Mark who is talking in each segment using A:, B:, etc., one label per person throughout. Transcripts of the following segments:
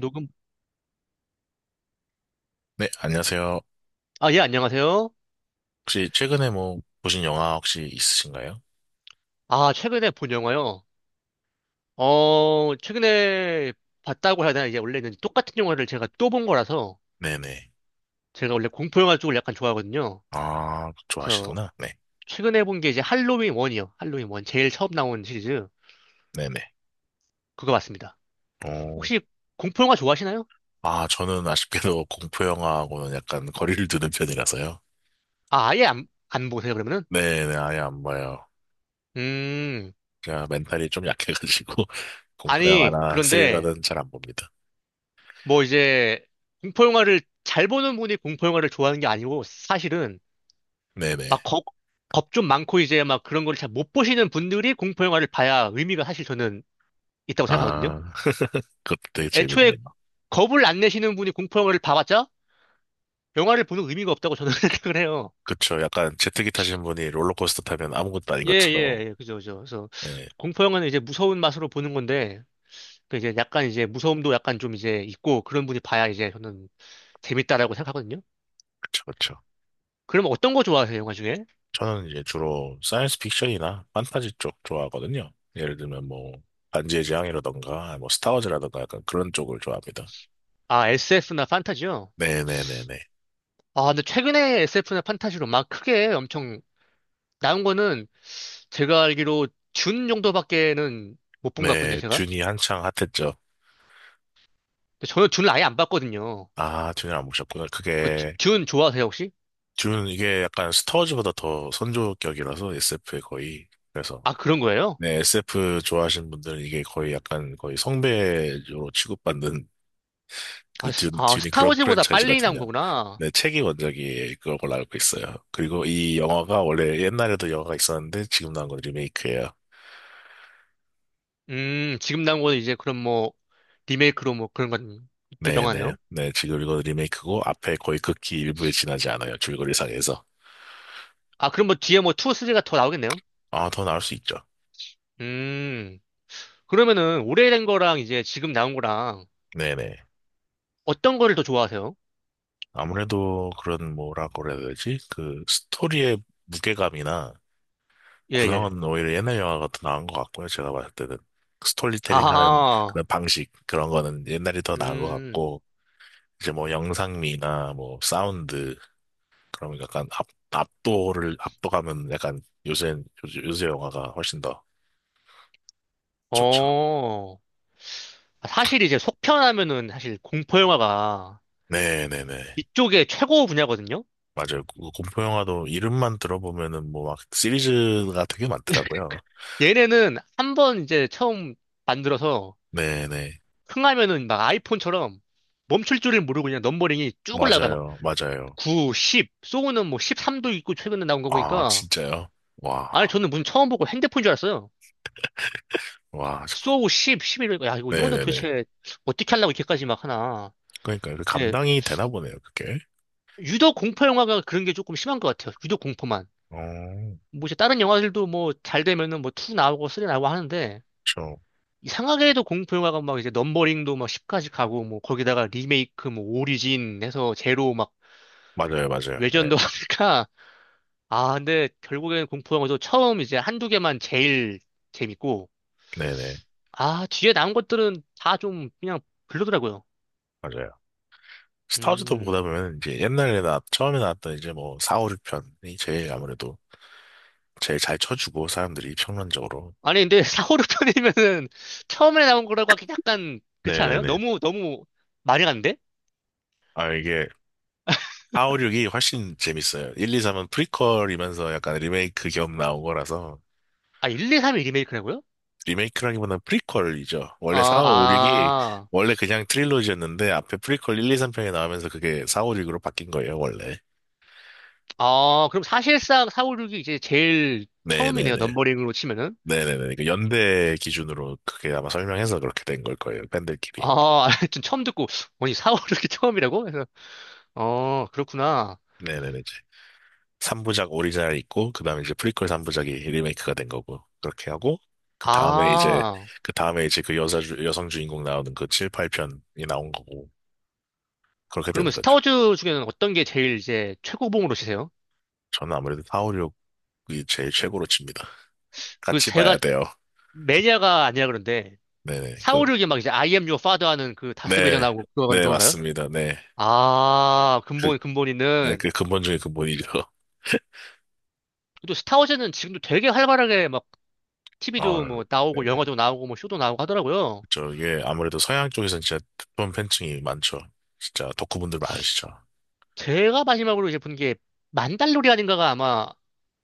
A: 녹음.
B: 네, 안녕하세요.
A: 아, 예, 안녕하세요.
B: 혹시 최근에 뭐 보신 영화 혹시 있으신가요?
A: 아, 최근에 본 영화요. 최근에 봤다고 해야 되나? 이제 원래는 똑같은 영화를 제가 또 본 거라서
B: 네네.
A: 제가 원래 공포 영화 쪽을 약간 좋아하거든요.
B: 아,
A: 그래서
B: 좋아하시구나. 네.
A: 최근에 본 게 이제 할로윈 1이요. 할로윈 1. 제일 처음 나온 시리즈.
B: 네네.
A: 그거 봤습니다.
B: 어,
A: 혹시 공포 영화 좋아하시나요?
B: 아, 저는 아쉽게도 공포 영화하고는 약간 거리를 두는 편이라서요.
A: 아, 아예 안 보세요, 그러면은?
B: 네네, 아예 안 봐요.
A: 음,
B: 제가 멘탈이 좀 약해가지고 공포
A: 아니,
B: 영화나
A: 그런데
B: 스릴러는 잘 안 봅니다.
A: 뭐 이제 공포 영화를 잘 보는 분이 공포 영화를 좋아하는 게 아니고 사실은
B: 네네.
A: 막 겁, 겁 좀 많고 이제 막 그런 걸 잘 못 보시는 분들이 공포 영화를 봐야 의미가 사실 저는 있다고 생각하거든요.
B: 아, 그것도 되게
A: 애초에
B: 재밌네요.
A: 겁을 안 내시는 분이 공포 영화를 봐봤자 영화를 보는 의미가 없다고 저는 생각을 해요.
B: 그쵸. 약간 제트기 타신 분이 롤러코스터 타면 아무것도 아닌
A: 예,
B: 것처럼.
A: 예, 예, 그죠, 그죠. 그래서
B: 네.
A: 공포 영화는 이제 무서운 맛으로 보는 건데 약간 이제 무서움도 약간 좀 이제 있고 그런 분이 봐야 이제 저는 재밌다라고 생각하거든요.
B: 그쵸, 그쵸.
A: 그럼 어떤 거 좋아하세요, 영화 중에?
B: 저는 이제 주로 사이언스 픽션이나 판타지 쪽 좋아하거든요. 예를 들면 뭐 반지의 제왕이라던가 뭐 스타워즈라던가 약간 그런 쪽을 좋아합니다.
A: 아, SF나 판타지요?
B: 네네네네.
A: 아, 근데 최근에 SF나 판타지로 막 크게 엄청 나온 거는 제가 알기로 준 정도밖에는 못 본 것 같거든요,
B: 네,
A: 제가.
B: 듄이 한창 핫했죠.
A: 근데 저는 준을 아예 안 봤거든요.
B: 아, 듄을 안 보셨구나. 그게
A: 준 좋아하세요, 혹시?
B: 듄 이게 약간 스타워즈보다 더 선조격이라서 SF에 거의 그래서.
A: 아, 그런 거예요?
B: 네, SF 좋아하시는 분들은 이게 거의 약간 거의 성배로 취급받는 그 듄,
A: 아,
B: 듄이 그런
A: 스타워즈보다 빨리 나온
B: 프랜차이즈거든요.
A: 거구나.
B: 네, 책이 원작이 그런 걸로 알고 있어요. 그리고 이 영화가 원래 옛날에도 영화가 있었는데 지금 나온 건 리메이크예요.
A: 지금 나온 건 이제 그런 뭐, 리메이크로 뭐 그런 건
B: 네네.
A: 영화네요.
B: 네, 지금 이건 리메이크고 앞에 거의 극히 일부에 지나지 않아요. 줄거리상에서.
A: 아, 그럼 뭐 뒤에 뭐 2, 3가 더 나오겠네요?
B: 아, 더 나올 수 있죠.
A: 음, 그러면은 오래된 거랑 이제 지금 나온 거랑
B: 네네.
A: 어떤 거를 더 좋아하세요?
B: 아무래도 그런 뭐라고 그래야 되지? 그 스토리의 무게감이나
A: 예, 예.
B: 구성은 오히려 옛날 영화가 더 나은 것 같고요. 제가 봤을 때는. 스토리텔링 하는
A: 아,
B: 그런 방식, 그런 거는 옛날이 더 나은 것
A: 음,
B: 같고, 이제 뭐 영상미나 뭐 사운드 그런 거 약간 압, 압도를 압도감은 약간 요새 요새 영화가 훨씬 더 좋죠.
A: 어. 사실 이제 속편하면은 사실 공포 영화가
B: 네네네
A: 이쪽에 최고 분야거든요.
B: 맞아요. 그 공포 영화도 이름만 들어보면은 뭐 막 시리즈가 되게 많더라고요.
A: 얘네는 한번 이제 처음 만들어서
B: 네네,
A: 흥하면은 막 아이폰처럼 멈출 줄을 모르고 그냥 넘버링이 쭉 올라가 막
B: 맞아요, 맞아요.
A: 9, 10, 소우는 뭐 13도 있고 최근에 나온 거
B: 아
A: 보니까
B: 진짜요?
A: 아니
B: 와.
A: 저는 문 처음 보고 핸드폰 줄 알았어요.
B: 와.
A: 소우 10, 11, 야 이거는
B: 네네네.
A: 도대체 어떻게 하려고 이렇게까지 막 하나.
B: 그러니까 그
A: 예,
B: 감당이 되나 보네요 그게.
A: 유독 공포 영화가 그런 게 조금 심한 것 같아요. 유독 공포만.
B: 어,
A: 뭐 이제 다른 영화들도 뭐 잘 되면은 뭐 2 나오고 3 나오고 하는데
B: 저
A: 이상하게 도 공포 영화가 막 이제 넘버링도 막 10까지 가고 뭐 거기다가 리메이크 뭐 오리진 해서 제로 막
B: 맞아요, 맞아요.
A: 외전
B: 네,
A: 도 하니까 아 근데 결국엔 공포 영화도 처음 이제 한두 개만 제일 재밌고
B: 네네
A: 아 뒤에 나온 것들은 다 좀 그냥 별로더라고요.
B: 맞아요. 스타워즈도
A: 음
B: 보다 보면 이제 옛날에 나 처음에 나왔던 이제 뭐 4, 5, 6편이 제일 아무래도 제일 잘 쳐주고 사람들이 평론적으로.
A: 아니 근데 사호르 편이면은 처음에 나온 거라고 하기 약간 그렇지 않아요?
B: 네네네.
A: 너무 너무 많이 갔는데?
B: 아 이게 4, 5, 6이 훨씬 재밌어요. 1, 2, 3은 프리퀄이면서 약간 리메이크 겸 나온 거라서.
A: 아 1, 2, 3이 리메이크라고요?
B: 리메이크라기보다는 프리퀄이죠.
A: 아
B: 원래 4, 5, 6이
A: 아.
B: 원래 그냥 트릴로지였는데 앞에 프리퀄 1, 2, 3편이 나오면서 그게 4, 5, 6으로 바뀐 거예요 원래.
A: 아, 그럼 사실상 사우6이 이제 제일 처음이네요.
B: 네네네.
A: 넘버링으로 치면은.
B: 네네네. 그 연대 기준으로 그게 아마 설명해서 그렇게 된 걸 거예요 팬들끼리.
A: 아, 좀 처음 듣고, 아니, 사우6이 처음이라고? 그래서, 어, 그렇구나.
B: 네네네. 3부작 오리지널 있고 그다음에 이제 프리퀄 3부작이 리메이크가 된 거고 그렇게 하고 그 다음에 이제
A: 아,
B: 그 다음에 이제 그 여자 여성 주인공 나오는 그 7, 8편이 나온 거고 그렇게
A: 그러면
B: 되는 거죠.
A: 스타워즈 중에는 어떤 게 제일 이제 최고봉으로 치세요?
B: 저는 아무래도 4, 5, 6이 제일 최고로 칩니다.
A: 그
B: 같이
A: 제가
B: 봐야 돼요.
A: 매니아가 아니라 그런데,
B: 네네,
A: 사우
B: 그,
A: 6이 막 이제 I am your father 하는 그 다스베이저
B: 네.
A: 나오고 그거는
B: 네,
A: 그건가요?
B: 맞습니다. 네. 그,
A: 근본
B: 네,
A: 있는.
B: 그 근본 중에 근본이죠.
A: 또 스타워즈는 지금도 되게 활발하게 막
B: 아,
A: TV도 뭐
B: 네.
A: 나오고 영화도 나오고 뭐 쇼도 나오고 하더라고요.
B: 저 이게 아무래도 서양 쪽에서는 진짜 특본 팬층이 많죠. 진짜 덕후분들 많으시죠.
A: 제가 마지막으로 이제 본 게 만달로리안인가가 아마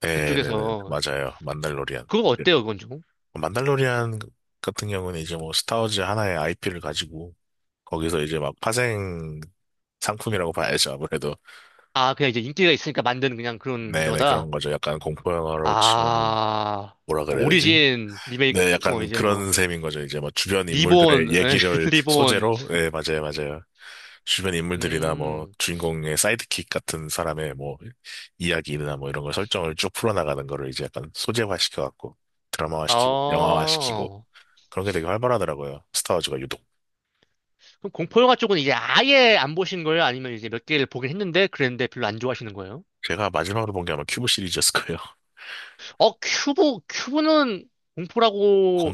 B: 네네네
A: 그쪽에서
B: 맞아요. 만달로리안.
A: 그거 어때요 그건 좀?
B: 만달로리안 같은 경우는 이제 뭐 스타워즈 하나의 IP를 가지고 거기서 이제 막 파생 상품이라고 봐야죠. 아무래도.
A: 아 그냥 이제 인기가 있으니까 만든 그냥 그런
B: 네네,
A: 저거다.
B: 그런 거죠. 약간 공포 영화로 치면은
A: 아
B: 뭐라
A: 뭐
B: 그래야 되지?
A: 오리진 리메이크
B: 네,
A: 뭐
B: 약간
A: 이제 뭐
B: 그런 셈인 거죠. 이제 뭐 주변 인물들의
A: 리본
B: 얘기를
A: 리본
B: 소재로, 네, 맞아요, 맞아요. 주변 인물들이나 뭐
A: 음.
B: 주인공의 사이드킥 같은 사람의 뭐 이야기나 뭐 이런 걸 설정을 쭉 풀어나가는 거를 이제 약간 소재화 시켜갖고 드라마화 시키고 영화화 시키고
A: 어.
B: 그런 게 되게 활발하더라고요. 스타워즈가 유독.
A: 그럼 공포 영화 쪽은 이제 아예 안 보신 거예요? 아니면 이제 몇 개를 보긴 했는데 그랬는데 별로 안 좋아하시는 거예요?
B: 제가 마지막으로 본 게 아마 큐브 시리즈였을 거예요.
A: 큐브는 공포라고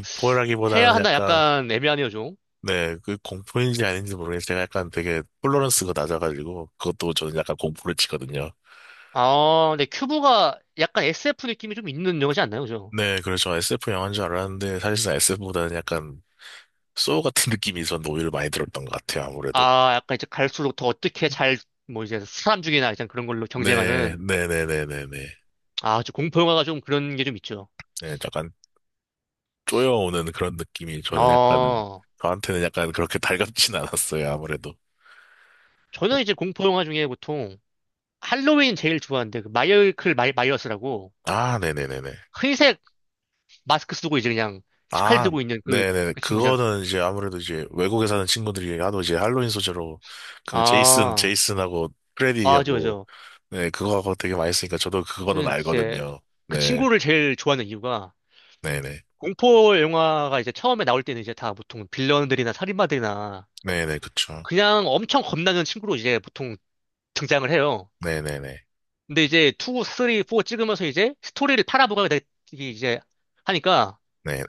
A: 해야 하나
B: 약간,
A: 약간 애매하네요 좀.
B: 네, 그 공포인지 아닌지 모르겠는데 제가 약간 되게 톨러런스가 낮아가지고 그것도 저는 약간 공포를 치거든요.
A: 아, 근데 큐브가 약간 SF 느낌이 좀 있는 영화지 않나요? 그죠?
B: 네, 그래서 SF 영화인 줄 알았는데 사실상 SF보다는 약간 소울 같은 느낌이 저는 오히려 많이 들었던 것 같아요, 아무래도.
A: 아, 약간 이제 갈수록 더 어떻게 잘, 뭐 이제 사람 죽이나 이제 그런 걸로
B: 네,
A: 경쟁하는,
B: 네네네네네. 네, 네, 네, 네.
A: 아, 저 공포 영화가 좀 그런 게 좀 있죠.
B: 네, 약간 쪼여오는 그런 느낌이 저는 약간,
A: 어,
B: 저한테는 약간 그렇게 달갑진 않았어요, 아무래도.
A: 저는 이제 공포 영화 중에 보통 할로윈 제일 좋아하는데, 그 마이어스라고
B: 아, 네네네네.
A: 흰색 마스크 쓰고 이제 그냥 칼
B: 아,
A: 들고 있는 그,
B: 네네.
A: 그 친구잖아.
B: 그거는 이제 아무래도 이제 외국에 사는 친구들이 하도 이제 할로윈 소재로 그 제이슨,
A: 아,
B: 제이슨하고
A: 맞아,
B: 프레디하고.
A: 맞아.
B: 네, 그거하고 되게 많이 쓰니까 저도 그거는
A: 저는 이제
B: 알거든요.
A: 그
B: 네,
A: 친구를 제일 좋아하는 이유가
B: 네네.
A: 공포 영화가 이제 처음에 나올 때는 이제 다 보통 빌런들이나 살인마들이나
B: 네네, 그쵸.
A: 그냥 엄청 겁나는 친구로 이제 보통 등장을 해요.
B: 네네네.
A: 근데 이제 2, 3, 4 찍으면서 이제 스토리를 팔아보가 이제 하니까
B: 네네.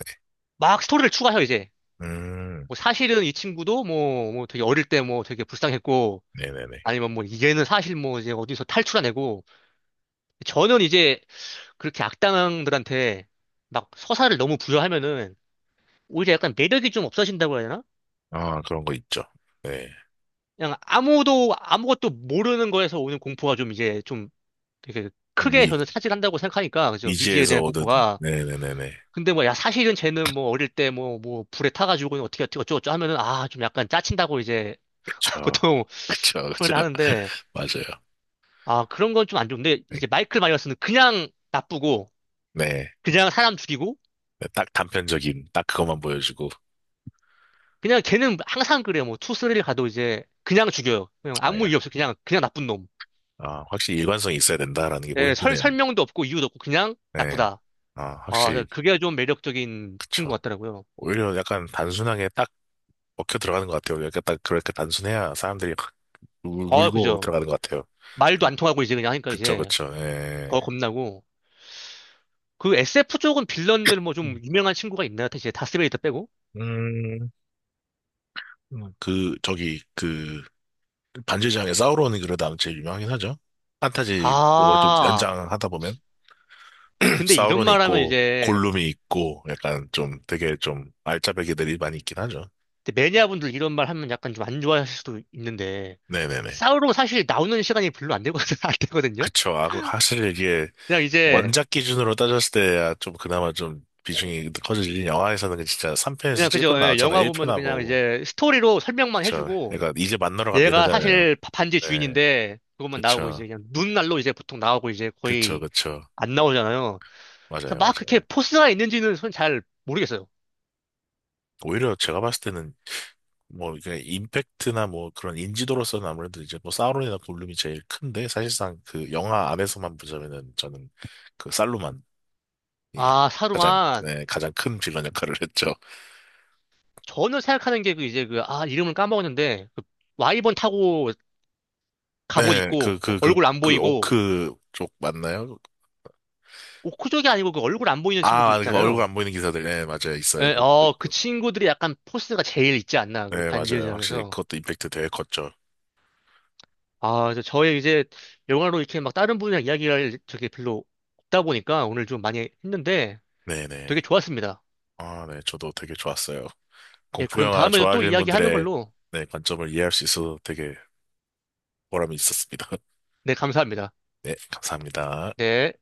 A: 막 스토리를 추가해요, 이제.
B: 음,
A: 뭐 사실은 이 친구도 뭐 되게 어릴 때 뭐 되게 불쌍했고
B: 네네네.
A: 아니면 뭐 얘는 사실 뭐 이제 어디서 탈출하내고 저는 이제 그렇게 악당들한테 막 서사를 너무 부여하면은 오히려 약간 매력이 좀 없어진다고 해야 되나?
B: 아, 그런 거 있죠. 네.
A: 그냥 아무도 아무것도 모르는 거에서 오는 공포가 좀 이제 좀 되게 크게
B: 미,
A: 저는 차지한다고 생각하니까 그죠 미지에
B: 미지에서
A: 대한
B: 오든,
A: 공포가
B: 네네네네.
A: 근데 뭐 야 사실은 쟤는 뭐 어릴 때 뭐 불에 타가지고 어떻게 어쩌고저쩌고 하면은 아 좀 약간 짜친다고 이제
B: 그쵸.
A: 보통
B: 그쵸, 그쵸.
A: 표현을 하는데
B: 맞아요.
A: 아 그런 건 좀 안 좋은데
B: 네.
A: 이제 마이클 마이어스는 그냥 나쁘고
B: 네.
A: 그냥 사람 죽이고
B: 네, 딱 단편적인, 딱 그것만 보여주고.
A: 그냥 걔는 항상 그래요 뭐 투스리를 가도 이제 그냥 죽여요 그냥 아무 이유 없이 그냥 그냥 나쁜 놈
B: 아, 확실히 일관성이 있어야 된다라는 게
A: 예, 설
B: 포인트네요.
A: 설명도 없고 이유도 없고 그냥
B: 네.
A: 나쁘다
B: 아,
A: 아,
B: 확실히,
A: 그게 좀 매력적인
B: 그쵸.
A: 친구 같더라고요.
B: 오히려 약간 단순하게 딱 먹혀 들어가는 것 같아요. 약간 딱 그렇게 단순해야 사람들이 확
A: 어,
B: 울고
A: 그죠.
B: 들어가는 것 같아요.
A: 말도
B: 그-
A: 안 통하고 이제 그냥 하니까
B: 그쵸,
A: 이제
B: 그쵸, 예.
A: 더 겁나고. 그 SF 쪽은 빌런들 뭐
B: 음,
A: 좀 유명한 친구가 있나요? 이제 다스베이더 빼고?
B: 음, 그, 저기, 그, 반지장에 사우론이 그래도 아마 제일 유명하긴 하죠. 판타지 쪽으로 좀
A: 아,
B: 연장하다 보면,
A: 근데 이런
B: 사우론이
A: 말 하면
B: 있고,
A: 이제
B: 골룸이 있고, 약간 좀 되게 좀 알짜배기들이 많이 있긴 하죠.
A: 근데 매니아분들 이런 말 하면 약간 좀 안 좋아하실 수도 있는데
B: 네네네.
A: 싸우러 사실 나오는 시간이 별로 안 되거든, 안 되거든요?
B: 그쵸. 아, 그, 사실 이게
A: 그냥 이제
B: 원작 기준으로 따졌을 때야 좀 그나마 좀 비중이 커지지. 영화에서는 그 진짜 3편에서
A: 그냥 그죠.
B: 찔끔
A: 예,
B: 나왔잖아.
A: 영화 보면 그냥
B: 1편하고.
A: 이제 스토리로 설명만
B: 그쵸.
A: 해주고
B: 그러니까 이제 만나러
A: 얘가
B: 갑니다잖아요.
A: 사실 반지
B: 네.
A: 주인인데 그것만 나오고
B: 그쵸.
A: 이제 그냥 눈날로 이제 보통 나오고 이제
B: 그쵸.
A: 거의
B: 그쵸.
A: 안 나오잖아요. 그래서
B: 맞아요.
A: 막
B: 맞아요.
A: 그렇게 포스가 있는지는 전 잘 모르겠어요.
B: 오히려 제가 봤을 때는 뭐 그냥 임팩트나 뭐 그런 인지도로서는 아무래도 이제 뭐 사우론이나 골룸이 제일 큰데 사실상 그 영화 안에서만 보자면은 저는 그 살루만이
A: 아,
B: 가장,
A: 사루만
B: 네, 가장 큰 빌런 역할을 했죠.
A: 저는 생각하는 게 이름을 까먹었는데 그 와이번 타고 갑옷
B: 네,
A: 입고 얼굴 안
B: 그,
A: 보이고
B: 오크 쪽 맞나요?
A: 오크족이 아니고 그 얼굴 안 보이는 친구들
B: 아, 그 얼굴
A: 있잖아요.
B: 안 보이는 기사들. 네, 맞아요. 있어요.
A: 예,
B: 그것도
A: 어, 그
B: 있고.
A: 친구들이 약간 포스가 제일 있지 않나 그
B: 네,
A: 반지의
B: 맞아요. 확실히
A: 제왕에서.
B: 그것도 임팩트 되게 컸죠.
A: 저의 이제 영화로 이렇게 막 다른 분이랑 이야기할 적이 별로 없다 보니까 오늘 좀 많이 했는데
B: 네네.
A: 되게 좋았습니다.
B: 아, 네. 저도 되게 좋았어요.
A: 예,
B: 공포
A: 그럼
B: 영화
A: 다음에도 또
B: 좋아하시는
A: 이야기하는
B: 분들의,
A: 걸로.
B: 네, 관점을 이해할 수 있어서 되게 보람이 있었습니다.
A: 네, 감사합니다.
B: 네, 감사합니다.
A: 네.